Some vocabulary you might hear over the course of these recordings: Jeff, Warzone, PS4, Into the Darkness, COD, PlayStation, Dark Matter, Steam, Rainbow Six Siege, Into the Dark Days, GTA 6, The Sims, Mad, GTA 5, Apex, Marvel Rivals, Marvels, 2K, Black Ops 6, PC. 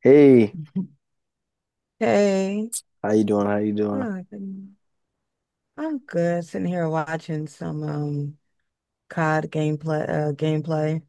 Hey, Hey, how you doing? How you doing? oh, I'm good sitting here watching some COD gameplay.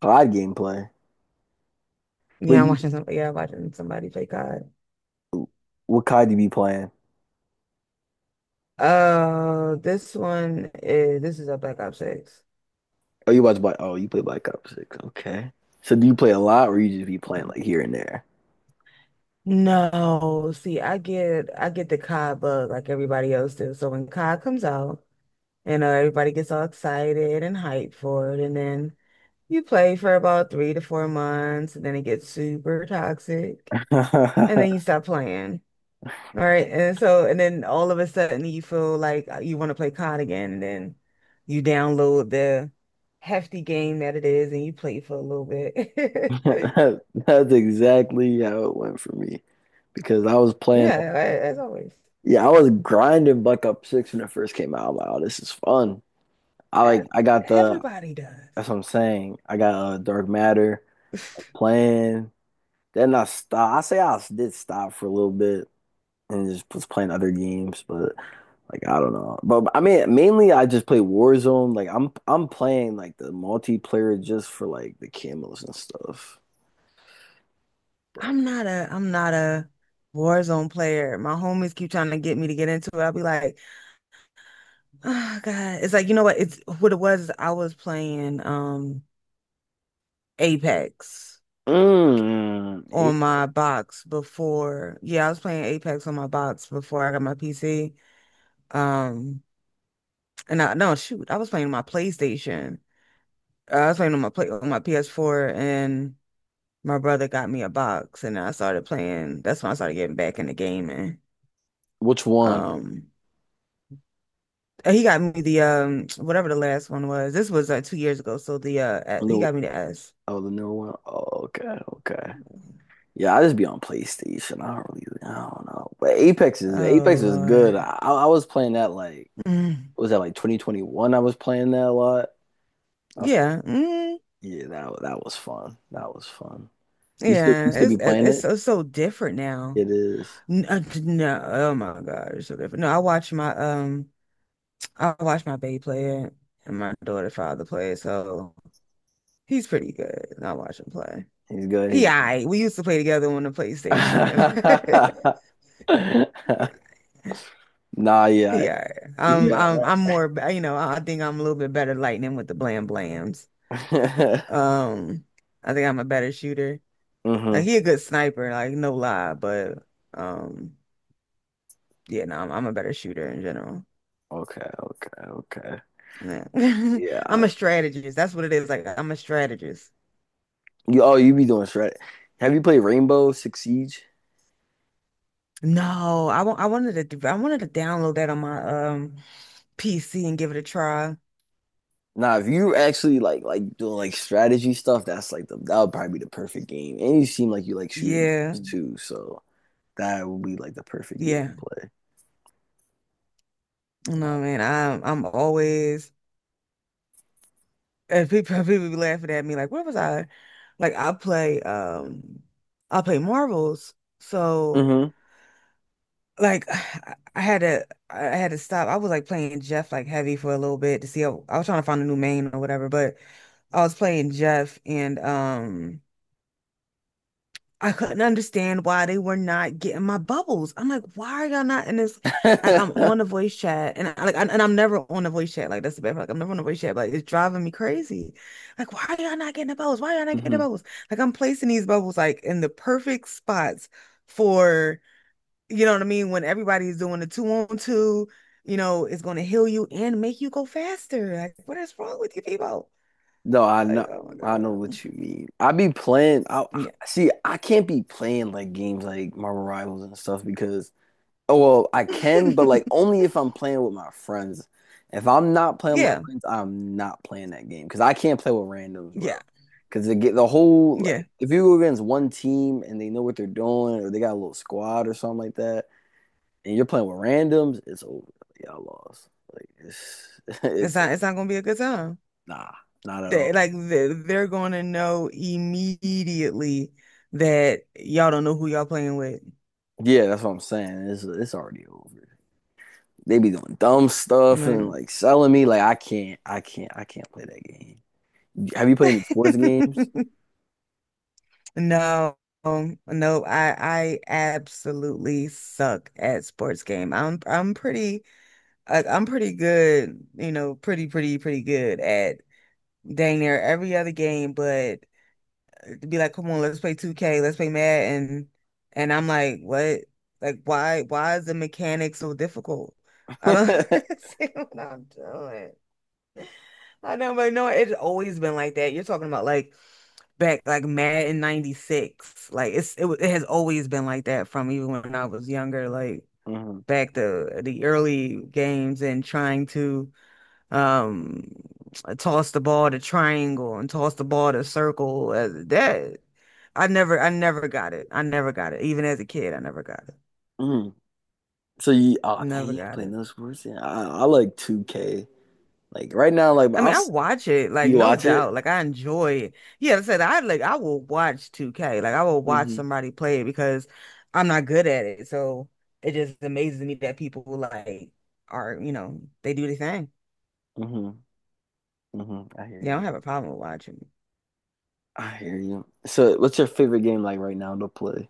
COD gameplay. But Yeah, I'm you, watching some, yeah, watching somebody play COD. what COD do you be playing? This is a Black Ops 6. Oh, you watch Black. Oh, you play Black Ops 6. Okay. So do you play a lot, or you just be playing like here and there? No, see, I get the COD bug like everybody else does. So when COD comes out, everybody gets all excited and hyped for it, and then you play for about 3 to 4 months, and then it gets super toxic, and then you stop playing. All right. And then all of a sudden you feel like you want to play COD again. And then you download the hefty game that it is and you play for a little bit. That's exactly how it went for me, because I was playing. Yeah, as always. Yeah, I was grinding Black Ops 6 when it first came out. I'm like, oh, this is fun. I like. E- I got the. Everybody does. That's what I'm saying. I got Dark Matter. I was playing. Then I stopped. I say I did stop for a little bit, and just was playing other games, but like I don't know. But I mean, mainly I just play Warzone. Like I'm playing like the multiplayer just for like the camos and stuff. But I'm not a Warzone player. My homies keep trying to get me to get into it. I'll be like, oh God. It's like, you know what? It's what it was. I was playing Apex eight, on my box before. Yeah, I was playing Apex on my box before I got my PC. Um, and I no shoot, I was playing my PlayStation. I was playing on my PS4, and my brother got me a box, and I started playing. That's when I started getting back into gaming. which one? Um, and he got me the whatever the last one was. This was 2 years ago, so the he New, got me the S. oh the newer one. Oh, okay, okay. Yeah, I just be on PlayStation. I don't really, I don't know. But Oh Apex is good. Lord. I was playing that like, Mm. what was that, like 2021? I was playing that a lot. I was playing. Yeah. Mm. Yeah, that was fun. That was fun. You Yeah. still be It's it's playing it's it? so, so different now. It is. No, oh my God, it's so different. No, I watch my baby play it and my daughter father play it, so he's pretty good. I watch him play. He's good. He, He's... I we used to play together on the PlayStation. Yeah, Nah, yeah. Alright. Yeah. I'm more, I think I'm a little bit better lightning with the blam blams. Um, I think I'm a better shooter. Hmm. Like he Okay, a good sniper, like no lie, but um, yeah, no, I'm a better shooter in general. okay, okay. Nah. Yeah. I'm a strategist. That's what it is. Like I'm a strategist. You, oh, you be doing strat. Have you played Rainbow Six Siege? No, I wanted to download that on my PC and give it a try. Nah, if you actually like doing like strategy stuff, that's like the that would probably be the perfect game. And you seem like you like shooting Yeah. games too, so that would be like the perfect game Yeah. to play. No, man. I'm always and people people be laughing at me like, where was I? Like I play Marvels. So like I had to stop. I was like playing Jeff like heavy for a little bit to see how I was trying to find a new main or whatever, but I was playing Jeff and I couldn't understand why they were not getting my bubbles. I'm like, why are y'all not in this? Like, I'm Mm-hmm. on the voice chat, and I'm never on the voice chat. Like, that's the bad part. Like, I'm never on the voice chat. But like, it's driving me crazy. Like, why are y'all not getting the bubbles? Why are y'all not getting the Hmm. bubbles? Like, I'm placing these bubbles like in the perfect spots for you know what I mean. When everybody's doing the two on two, it's going to heal you and make you go faster. Like, what is wrong with you people? No, I Like, know, oh my I know God. what you mean. I be playing Yeah. See I can't be playing like games like Marvel Rivals and stuff because, oh well I can, but like only if I'm playing with my friends. If I'm not playing with my Yeah. friends, I'm not playing that game because I can't play with randoms, bro. Yeah. Because they get the whole, Yeah. like, if you go against one team and they know what they're doing, or they got a little squad or something like that, and you're playing with randoms, it's over. Y'all lost. Like it's It's it's not it's not gonna be a good time. nah, not at They all. like they- they're gonna know immediately that y'all don't know who y'all playing with. Yeah, that's what I'm saying. It's already over. They be doing dumb stuff and Mm. like selling me. Like I can't play that game. Have you played any sports games? No, no, I absolutely suck at sports game. I'm pretty good, pretty good at dang near every other game, but to be like, come on, let's play 2K, let's play Mad, and I'm like, what? Like, why is the mechanic so difficult? I don't see what I'm doing. I know, but no, it's always been like that. You're talking about like back like Mad in '96. Like it has always been like that from even when I was younger. Like Mhm. back to the early games and trying to um toss the ball to triangle and toss the ball to circle that I never got it. I never got it, even as a kid. I never got it. Mhm. So you, oh dang, Never you got play it. no sports? Yeah, I like 2K. Like right now, like I I'll mean, I s- watch it, like, you no watch it. doubt, like, I enjoy it. Yeah, like I said, I will watch 2K like I will watch Hmm. somebody play it because I'm not good at it, so it just amazes me that people, like, are, they do the thing. Hmm. Hmm. I hear Yeah, I you. don't have a problem with watching. I hear you. So what's your favorite game like right now to play?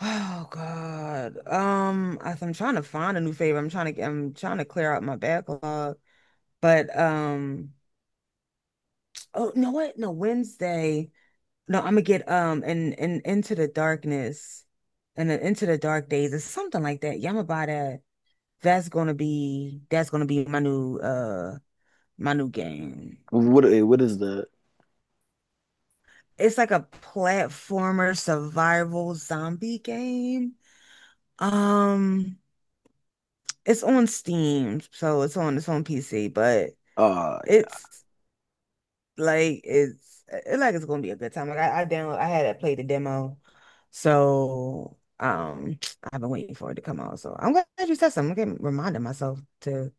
Oh God. I'm trying to find a new favorite. I'm trying to clear out my backlog. But oh, you know what? No, Wednesday. No, I'm gonna get and Into the Darkness and then Into the Dark Days or something like that. Yeah, I'm gonna buy that. That's gonna be my new game. What is the? It's like a platformer survival zombie game. Um, it's on Steam, so it's on PC, but Oh It's like it's it, like it's gonna be a good time. Like I had to play the demo, so I've been waiting for it to come out. So I'm glad you said something. Reminding myself to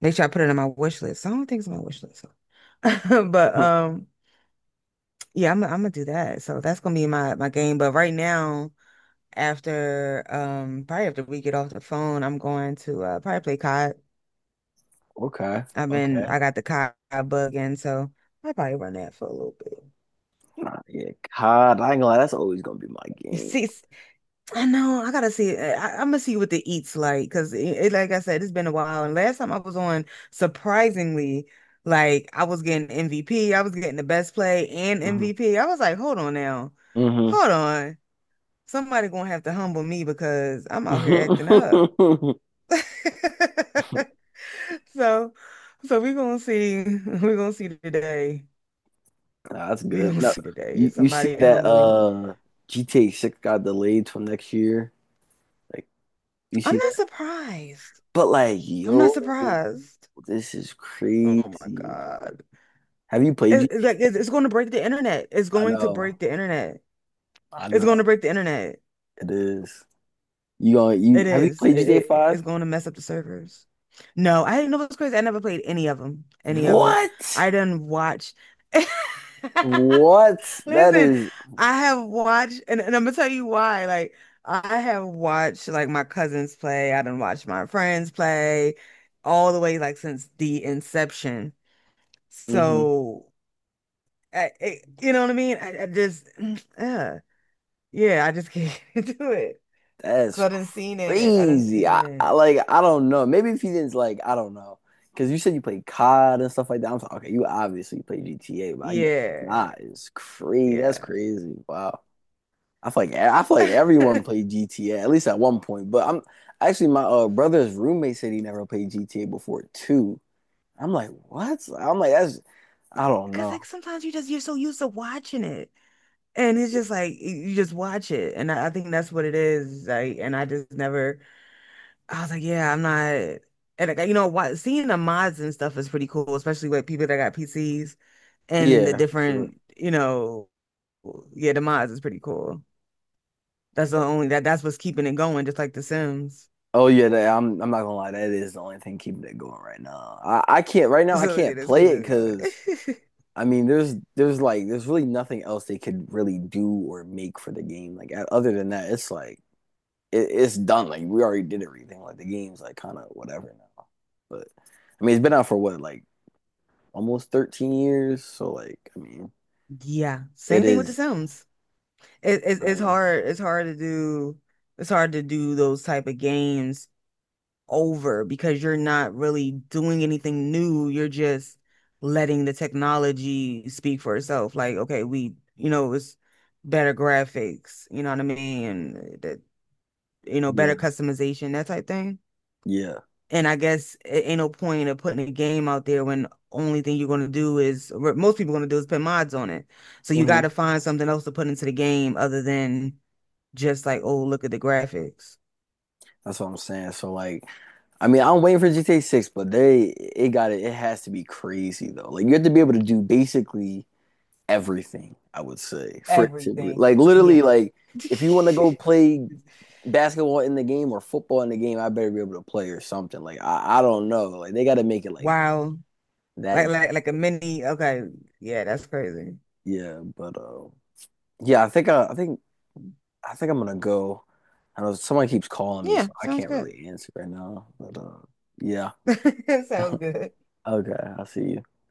make sure I put it on my wish list. I don't think it's on my wish list, so. But yeah. Yeah, I'm gonna do that. So that's gonna be my game. But right now, after probably after we get off the phone, I'm going to probably play COD. Okay. Okay. I got the COD bug in, so I probably run that for a little Yeah, cod. I ain't gonna lie, that's always gonna be my bit. game. See, I know. I gotta see. I'm gonna see what the eats like because like I said, it's been a while. And last time I was on, surprisingly, like I was getting MVP. I was getting the best play and Hmm. MVP. I was like, hold on now, Hmm. hold on. Somebody gonna have to humble me because I'm out here acting up. So, so, we gonna see. We gonna see today. That's We good. gonna No, see today you if you see somebody can that humble me. GTA 6 got delayed till next year. Like, you I'm see not that? surprised. But like, I'm not yo, surprised. this is Oh my crazy. God. Have you played it, it- like it, GTA? it's going to break the internet. It's I going to know, break the internet. I It's going know, to break the internet. it is. You It have you is. played It, GTA it- 5? it's going to mess up the servers. No, I didn't know it was crazy. I never played any of them. Any of them. What? I didn't watch. What? That Listen, is. I have watched, and I'm gonna tell you why. Like, I have watched like my cousins play. I done watched my friends play, all the way like since the inception. Mhm. So, you know what I mean? I just, yeah. Yeah, I just can't do it. That's Cause I didn't seen it. I didn't crazy. seen I it. like, I don't know. Maybe if you didn't, like I don't know. Cause you said you played COD and stuff like that. I'm like, okay, you obviously play GTA, but I guess Yeah. not. It's crazy. That's Yeah. crazy. Wow. I feel like everyone played GTA, at least at one point. But I'm actually my brother's roommate said he never played GTA before too. I'm like, what? I'm like, that's, I don't Cause know. like sometimes you're so used to watching it. And it's just like you just watch it. And I think that's what it is. Like, and I just never, I was like, yeah, I'm not. And like you know what, seeing the mods and stuff is pretty cool, especially with people that got PCs and the Yeah, for sure. different, yeah, the mods is pretty cool. That's the only that's what's keeping it going, just like The Sims. Oh yeah, that, I'm not gonna lie. That is the only thing keeping it going right now. I can't right now. I So yeah, can't let's keep play it it because, going. I mean, there's really nothing else they could really do or make for the game. Like other than that, it's like it's done. Like we already did everything. Like the game's like kind of whatever now. But I mean, it's been out for what, like almost 13 years. So like, I mean, Yeah, it same thing with the is. Sims. Oh, It's yeah, hard. It's hard to do. It's hard to do those type of games over because you're not really doing anything new. You're just letting the technology speak for itself. Like, okay, it's better graphics. You know what I mean? And that, yeah, better customization, that type thing. yeah. And I guess it ain't no point of putting a game out there when only thing you're gonna do is what most people gonna do is put mods on it. So you Hmm. gotta find something else to put into the game other than just like, oh, look at the graphics. That's what I'm saying. So like, I mean, I'm waiting for GTA 6, but they, it got it. It has to be crazy though. Like you have to be able to do basically everything. I would say for it to Everything. like literally Yeah. like, if you want to go play basketball in the game or football in the game, I better be able to play or something. Like I don't know. Like they got to make it like Wow. That. Like a mini. Okay. Yeah, that's crazy. Yeah, but yeah, I think I think I think I'm gonna go. I know someone keeps calling me, Yeah, so I sounds can't good. really answer right now. But yeah, okay, Sounds good. I will see you.